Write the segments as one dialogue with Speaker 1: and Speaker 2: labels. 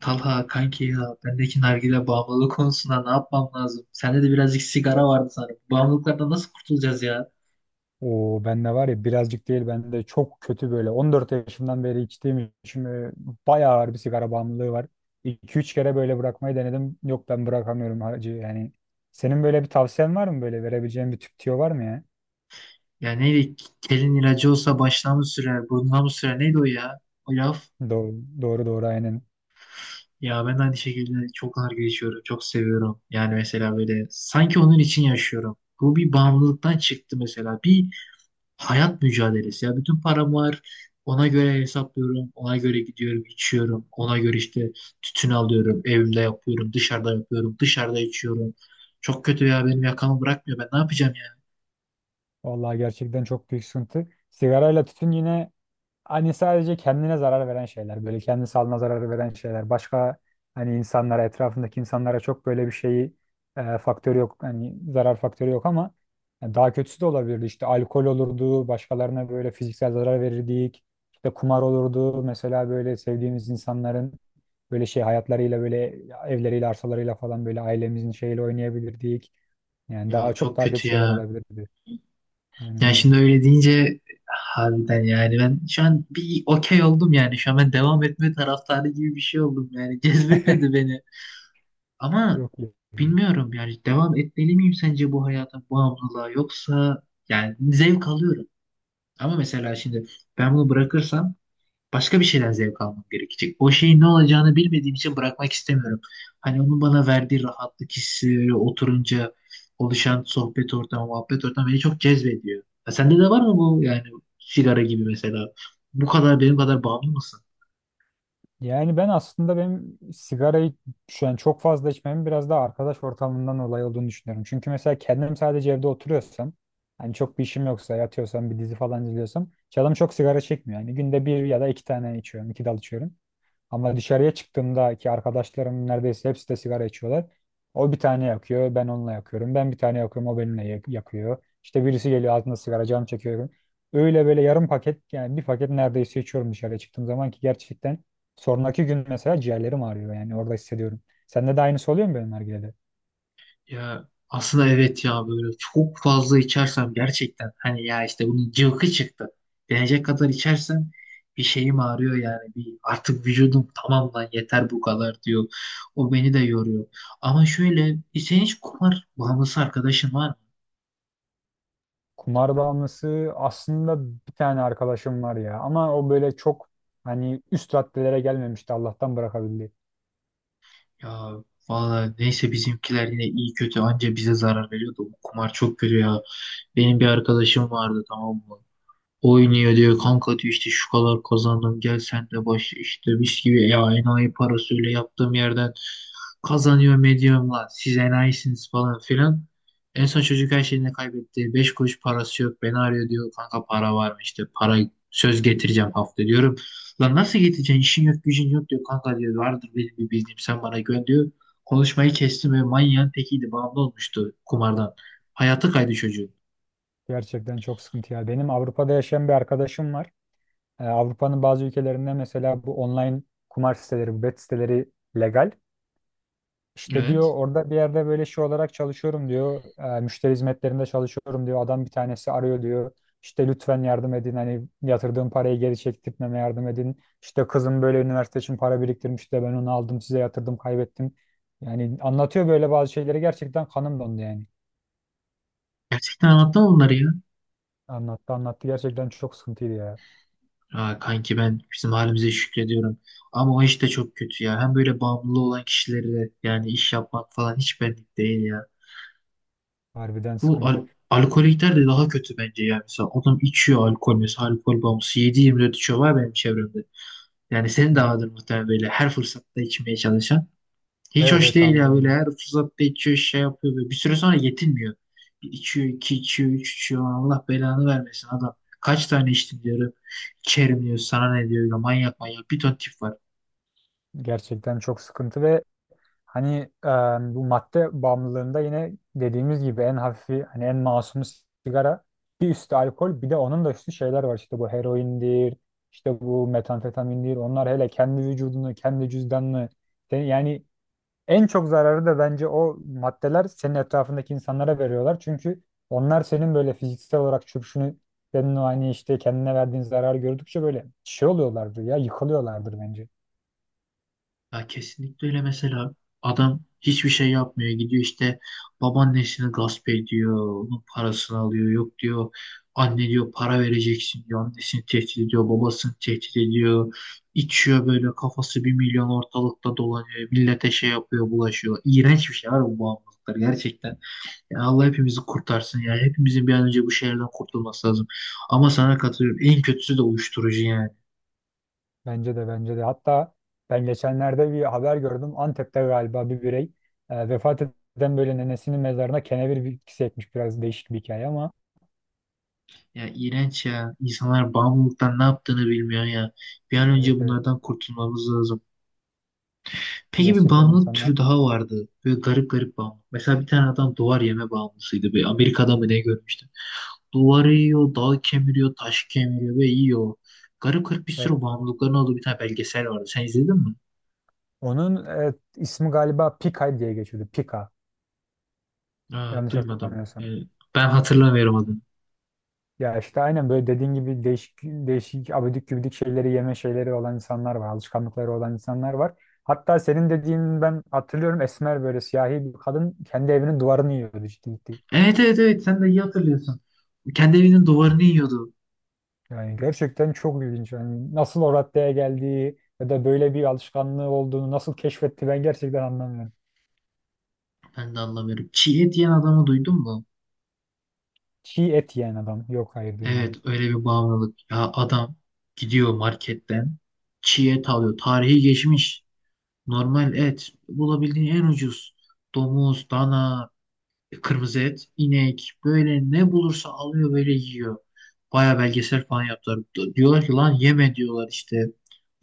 Speaker 1: Talha kanki ya bendeki nargile bağımlılığı konusunda ne yapmam lazım? Sende de birazcık sigara vardı sanırım. Bağımlılıklardan nasıl kurtulacağız ya?
Speaker 2: O bende var ya, birazcık değil, bende çok kötü böyle. 14 yaşımdan beri içtiğim için bayağı ağır bir sigara bağımlılığı var. 2 üç kere böyle bırakmayı denedim. Yok, ben bırakamıyorum hacı yani. Senin böyle bir tavsiyen var mı, böyle verebileceğin bir tüp tüyo var mı ya?
Speaker 1: Ya neydi? Kelin ilacı olsa başına mı sürer, burnuna mı sürer? Neydi o ya? O laf.
Speaker 2: Doğru, doğru, aynen.
Speaker 1: Ya ben de aynı şekilde çok nargile içiyorum. Çok seviyorum. Yani mesela böyle sanki onun için yaşıyorum. Bu bir bağımlılıktan çıktı mesela. Bir hayat mücadelesi ya. Bütün param var. Ona göre hesaplıyorum. Ona göre gidiyorum, içiyorum. Ona göre işte tütün alıyorum. Evimde yapıyorum. Dışarıda yapıyorum. Dışarıda içiyorum. Çok kötü ya. Benim yakamı bırakmıyor. Ben ne yapacağım ya?
Speaker 2: Vallahi gerçekten çok büyük sıkıntı. Sigarayla tütün yine, hani sadece kendine zarar veren şeyler, böyle kendi sağlığına zarar veren şeyler. Başka hani insanlara, etrafındaki insanlara çok böyle bir şeyi, faktörü yok. Hani zarar faktörü yok ama yani daha kötüsü de olabilirdi. İşte alkol olurdu, başkalarına böyle fiziksel zarar verirdik. İşte kumar olurdu. Mesela böyle sevdiğimiz insanların böyle şey hayatlarıyla böyle evleriyle, arsalarıyla falan böyle ailemizin şeyiyle oynayabilirdik. Yani daha
Speaker 1: Ya
Speaker 2: çok
Speaker 1: çok
Speaker 2: daha kötü
Speaker 1: kötü
Speaker 2: şeyler
Speaker 1: ya.
Speaker 2: olabilirdi. Aynen
Speaker 1: Yani
Speaker 2: öyle.
Speaker 1: şimdi öyle deyince harbiden yani ben şu an bir okey oldum yani. Şu an ben devam etme taraftarı gibi bir şey oldum yani. Cezbetmedi beni. Ama
Speaker 2: Yok. yok.
Speaker 1: bilmiyorum yani devam etmeli miyim sence bu hayata, bu bağımlılığa yoksa yani zevk alıyorum. Ama mesela şimdi ben bunu bırakırsam başka bir şeyden zevk almam gerekecek. O şeyin ne olacağını bilmediğim için bırakmak istemiyorum. Hani onun bana verdiği rahatlık hissi, oturunca oluşan sohbet ortamı, muhabbet ortamı beni çok cezbediyor. Ya sende de var mı bu yani sigara gibi mesela? Bu kadar benim kadar bağımlı mısın?
Speaker 2: Yani ben aslında benim sigarayı şu an çok fazla içmemin biraz daha arkadaş ortamından dolayı olduğunu düşünüyorum. Çünkü mesela kendim sadece evde oturuyorsam, hani çok bir işim yoksa, yatıyorsam, bir dizi falan izliyorsam, canım çok sigara çekmiyor. Yani günde bir ya da iki tane içiyorum, iki dal içiyorum. Ama dışarıya çıktığımda ki arkadaşlarım neredeyse hepsi de sigara içiyorlar. O bir tane yakıyor, ben onunla yakıyorum. Ben bir tane yakıyorum, o benimle yakıyor. İşte birisi geliyor altında sigara, canım çekiyor. Öyle böyle yarım paket, yani bir paket neredeyse içiyorum dışarıya çıktığım zaman ki gerçekten sonraki gün mesela ciğerlerim ağrıyor, yani orada hissediyorum. Sende de aynısı oluyor mu benim nargilede?
Speaker 1: Ya aslında evet ya böyle çok fazla içersem gerçekten hani ya işte bunun cıvkı çıktı. Denecek kadar içersem bir şeyim ağrıyor yani bir artık vücudum tamam lan yeter bu kadar diyor. O beni de yoruyor. Ama şöyle senin hiç kumar bağımlısı arkadaşın var mı?
Speaker 2: Kumar bağımlısı aslında bir tane arkadaşım var ya, ama o böyle çok hani üst raddelere gelmemişti, Allah'tan bırakabildi.
Speaker 1: Ya valla neyse bizimkiler yine iyi kötü anca bize zarar veriyordu. Bu kumar çok kötü ya. Benim bir arkadaşım vardı, tamam mı? Oynuyor diyor, kanka diyor, işte şu kadar kazandım, gel sen de başla, işte biz gibi ya enayi parası, öyle yaptığım yerden kazanıyorum ediyorum, lan siz enayisiniz falan filan. En son çocuk her şeyini kaybetti. Beş kuruş parası yok. Beni arıyor, diyor kanka para var mı? İşte para söz getireceğim hafta, diyorum. Lan nasıl getireceksin? İşin yok gücün yok, diyor. Kanka diyor, vardır benim bir bildiğim, sen bana gönder diyor. Konuşmayı kestim ve manyağın tekiydi. Bağımlı olmuştu kumardan. Hayatı kaydı çocuğun.
Speaker 2: Gerçekten çok sıkıntı ya. Benim Avrupa'da yaşayan bir arkadaşım var. Avrupa'nın bazı ülkelerinde mesela bu online kumar siteleri, bu bet siteleri legal. İşte diyor,
Speaker 1: Evet.
Speaker 2: orada bir yerde böyle şey olarak çalışıyorum diyor. Müşteri hizmetlerinde çalışıyorum diyor. Adam bir tanesi arıyor diyor. İşte lütfen yardım edin, hani yatırdığım parayı geri çektirtmeme yardım edin. İşte kızım böyle üniversite için para biriktirmiş de ben onu aldım, size yatırdım, kaybettim. Yani anlatıyor böyle bazı şeyleri, gerçekten kanım dondu yani.
Speaker 1: Gerçekten anlattım bunları ya.
Speaker 2: Anlattı anlattı, gerçekten çok sıkıntıydı ya.
Speaker 1: Ha, kanki ben bizim halimize şükrediyorum. Ama o iş de çok kötü ya. Hem böyle bağımlılığı olan kişilerle yani iş yapmak falan hiç benlik değil ya.
Speaker 2: Harbiden
Speaker 1: Bu
Speaker 2: sıkıntı.
Speaker 1: alkolikler de daha kötü bence ya. Mesela adam içiyor alkol, mesela alkol bağımlısı 7/24 içiyor var benim çevremde. Yani senin
Speaker 2: Hı
Speaker 1: de
Speaker 2: hı.
Speaker 1: vardır muhtemelen böyle her fırsatta içmeye çalışan. Hiç
Speaker 2: Evet,
Speaker 1: hoş
Speaker 2: evet,
Speaker 1: değil ya,
Speaker 2: anladım
Speaker 1: böyle
Speaker 2: ben.
Speaker 1: her fırsatta içiyor, şey yapıyor böyle. Bir süre sonra yetinmiyor. Bir içiyor, iki içiyor, üç içiyor. Allah belanı vermesin adam. Kaç tane içtim diyorum. İçerim diyor. Sana ne diyor. Böyle manyak manyak. Bir ton tip var.
Speaker 2: Gerçekten çok sıkıntı ve hani e, bu madde bağımlılığında yine dediğimiz gibi en hafifi, hani en masumu sigara, bir üstü alkol, bir de onun da üstü şeyler var, işte bu heroindir, işte bu metamfetamindir. Onlar hele kendi vücudunu, kendi cüzdanını, yani en çok zararı da bence o maddeler senin etrafındaki insanlara veriyorlar çünkü onlar senin böyle fiziksel olarak çöküşünü, senin o hani işte kendine verdiğin zararı gördükçe böyle şey oluyorlardır ya, yıkılıyorlardır bence.
Speaker 1: Ya kesinlikle öyle. Mesela adam hiçbir şey yapmıyor, gidiyor işte babaannesini gasp ediyor, onun parasını alıyor, yok diyor, anne diyor para vereceksin diyor, annesini tehdit ediyor, babasını tehdit ediyor, içiyor, böyle kafası bir milyon ortalıkta dolanıyor, millete şey yapıyor, bulaşıyor. İğrenç bir şey var bu bağımlılıklar gerçekten ya. Allah hepimizi kurtarsın ya, hepimizin bir an önce bu şehirden kurtulması lazım. Ama sana katılıyorum, en kötüsü de uyuşturucu yani.
Speaker 2: Bence de. Hatta ben geçenlerde bir haber gördüm. Antep'te galiba bir birey vefat eden böyle nenesinin mezarına kenevir bitkisi ekmiş. Biraz değişik bir hikaye ama
Speaker 1: Ya iğrenç ya. İnsanlar bağımlılıktan ne yaptığını bilmiyor ya. Bir an önce
Speaker 2: evet, evet.
Speaker 1: bunlardan kurtulmamız lazım. Peki bir
Speaker 2: Gerçekten
Speaker 1: bağımlılık
Speaker 2: insanlar.
Speaker 1: türü daha vardı. Böyle garip garip bağımlı. Mesela bir tane adam duvar yeme bağımlısıydı. Böyle Amerika'da mı ne görmüştüm. Duvarı yiyor, dağ kemiriyor, taş kemiriyor ve yiyor. Garip garip bir sürü
Speaker 2: Evet, evet.
Speaker 1: bağımlılıkların olduğu bir tane belgesel vardı. Sen izledin mi?
Speaker 2: Onun ismi galiba Pika diye geçiyordu. Pika.
Speaker 1: Aa,
Speaker 2: Yanlış
Speaker 1: duymadım.
Speaker 2: hatırlamıyorsam.
Speaker 1: Ben hatırlamıyorum adını.
Speaker 2: Ya işte aynen böyle dediğin gibi değişik değişik abidik gübidik şeyleri yeme şeyleri olan insanlar var. Alışkanlıkları olan insanlar var. Hatta senin dediğin ben hatırlıyorum, esmer böyle siyahi bir kadın kendi evinin duvarını yiyordu ciddi ciddi.
Speaker 1: Evet, evet, evet, sen de iyi hatırlıyorsun. Kendi evinin duvarını yiyordu.
Speaker 2: Yani gerçekten çok ilginç. Yani nasıl o raddeye geldiği ya da böyle bir alışkanlığı olduğunu nasıl keşfetti, ben gerçekten anlamıyorum.
Speaker 1: Ben de anlamıyorum. Çiğ et yiyen adamı duydun mu?
Speaker 2: Çiğ et yiyen adam. Yok, hayır,
Speaker 1: Evet,
Speaker 2: duymadım.
Speaker 1: öyle bir bağımlılık. Ya adam gidiyor marketten çiğ et alıyor. Tarihi geçmiş. Normal et. Bulabildiğin en ucuz. Domuz, dana, kırmızı et, inek. Böyle ne bulursa alıyor, böyle yiyor. Baya belgesel falan yaptılar. Diyorlar ki lan yeme diyorlar işte.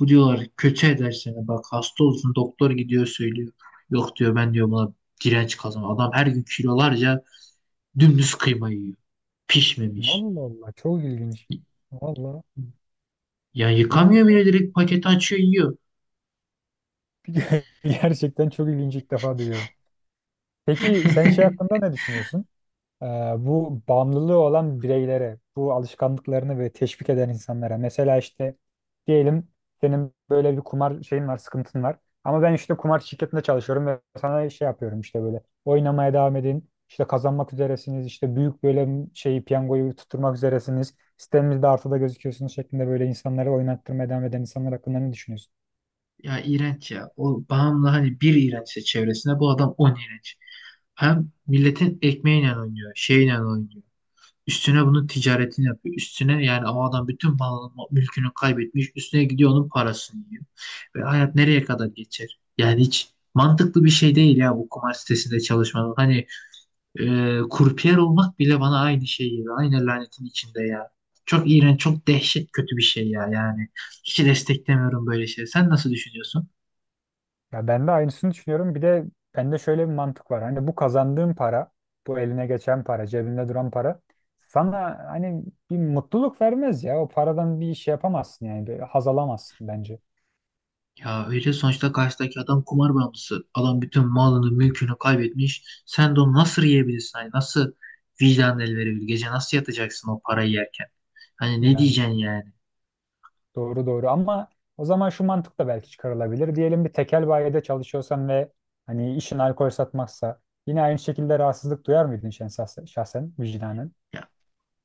Speaker 1: Bu diyorlar kötü eder seni. Bak hasta olsun, doktor gidiyor söylüyor. Yok diyor, ben diyor buna direnç kazan. Adam her gün kilolarca dümdüz kıyma yiyor. Pişmemiş.
Speaker 2: Allah Allah, çok ilginç. Vallahi
Speaker 1: Ya
Speaker 2: ilk
Speaker 1: yıkamıyor
Speaker 2: defa
Speaker 1: bile, direkt paketi açıyor yiyor.
Speaker 2: gerçekten çok ilginç, ilk defa duyuyorum. Peki sen şey hakkında ne düşünüyorsun? Ee, bu bağımlılığı olan bireylere, bu alışkanlıklarını ve teşvik eden insanlara. Mesela işte, diyelim senin böyle bir kumar şeyin var, sıkıntın var. Ama ben işte kumar şirketinde çalışıyorum ve sana şey yapıyorum, işte böyle oynamaya devam edin. İşte kazanmak üzeresiniz, işte büyük böyle şeyi, piyangoyu tutturmak üzeresiniz. Sitemizde artıda gözüküyorsunuz şeklinde böyle insanları oynattırmaya devam eden insanlar hakkında ne düşünüyorsun?
Speaker 1: Ya iğrenç ya. O bağımlı hani bir iğrençse, çevresinde bu adam on iğrenç. Hem milletin ekmeğiyle oynuyor, şeyle oynuyor. Üstüne bunun ticaretini yapıyor. Üstüne yani o adam bütün malını, mülkünü kaybetmiş. Üstüne gidiyor onun parasını yiyor. Ve hayat nereye kadar geçer? Yani hiç mantıklı bir şey değil ya bu kumar sitesinde çalışmanın. Hani kurpiyer olmak bile bana aynı şeyi, aynı lanetin içinde ya. Çok iğrenç, çok dehşet kötü bir şey ya yani. Hiç desteklemiyorum böyle şey. Sen nasıl düşünüyorsun?
Speaker 2: Ya ben de aynısını düşünüyorum. Bir de bende şöyle bir mantık var. Hani bu kazandığın para, bu eline geçen para, cebinde duran para sana hani bir mutluluk vermez ya. O paradan bir iş yapamazsın yani. Bir haz alamazsın bence.
Speaker 1: Ya öyle, sonuçta karşıdaki adam kumar bağımlısı. Adam bütün malını, mülkünü kaybetmiş. Sen de onu nasıl yiyebilirsin? Hani nasıl vicdan el verebilir? Gece nasıl yatacaksın o parayı yerken? Hani ne
Speaker 2: Yani
Speaker 1: diyeceksin yani?
Speaker 2: doğru, doğru, ama o zaman şu mantık da belki çıkarılabilir. Diyelim bir tekel bayide çalışıyorsan ve hani işin alkol satmaksa, yine aynı şekilde rahatsızlık duyar mıydın şahsen, şahsen vicdanen?
Speaker 1: Ya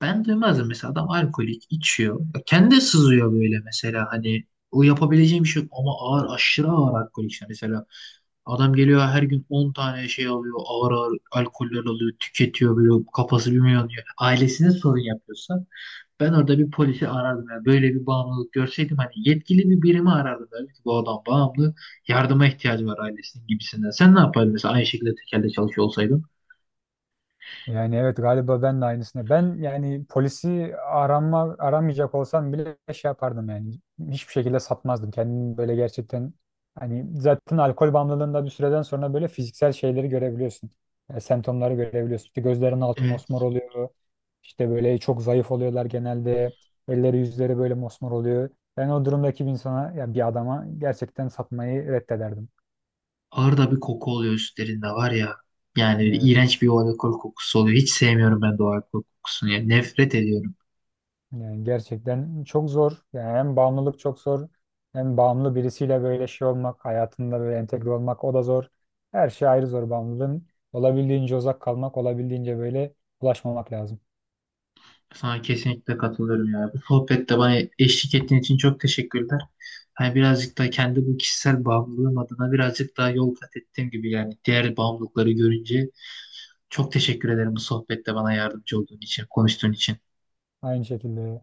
Speaker 1: ben duymazdım. Mesela adam alkolik, içiyor. Ya kendi sızıyor böyle mesela, hani o yapabileceğim bir şey yok. Ama ağır, aşırı ağır alkolik, işte mesela adam geliyor her gün 10 tane şey alıyor. Ağır ağır alkoller alıyor. Tüketiyor, böyle kafası bir milyon diyor. Ailesine sorun yapıyorsa ben orada bir polisi arardım. Yani böyle bir bağımlılık görseydim hani yetkili bir birimi arardım. Derdim ki bu adam bağımlı. Yardıma ihtiyacı var ailesinin gibisinden. Sen ne yapardın mesela aynı şekilde tekelde çalışıyor olsaydın?
Speaker 2: Yani evet, galiba ben de aynısını. Ben yani polisi aramayacak olsam bile şey yapardım yani. Hiçbir şekilde satmazdım. Kendimi böyle gerçekten, hani zaten alkol bağımlılığında bir süreden sonra böyle fiziksel şeyleri görebiliyorsun. E, semptomları görebiliyorsun. İşte gözlerin altı mosmor
Speaker 1: Evet.
Speaker 2: oluyor. İşte böyle çok zayıf oluyorlar genelde. Elleri yüzleri böyle mosmor oluyor. Ben o durumdaki bir insana, ya bir adama, gerçekten satmayı reddederdim.
Speaker 1: Ağır da bir koku oluyor üstlerinde var ya. Yani iğrenç bir o alkol kokusu oluyor. Hiç sevmiyorum ben de o alkol kokusunu. Yani nefret ediyorum.
Speaker 2: Yani gerçekten çok zor. Yani hem bağımlılık çok zor. Hem bağımlı birisiyle böyle şey olmak, hayatında böyle entegre olmak, o da zor. Her şey ayrı zor bağımlılığın. Olabildiğince uzak kalmak, olabildiğince böyle ulaşmamak lazım.
Speaker 1: Sana kesinlikle katılıyorum ya. Bu sohbette bana eşlik ettiğin için çok teşekkürler. Hani birazcık da kendi bu kişisel bağımlılığım adına birazcık daha yol kat ettiğim gibi yani, diğer bağımlılıkları görünce çok teşekkür ederim bu sohbette bana yardımcı olduğun için, konuştuğun için.
Speaker 2: Aynı şekilde.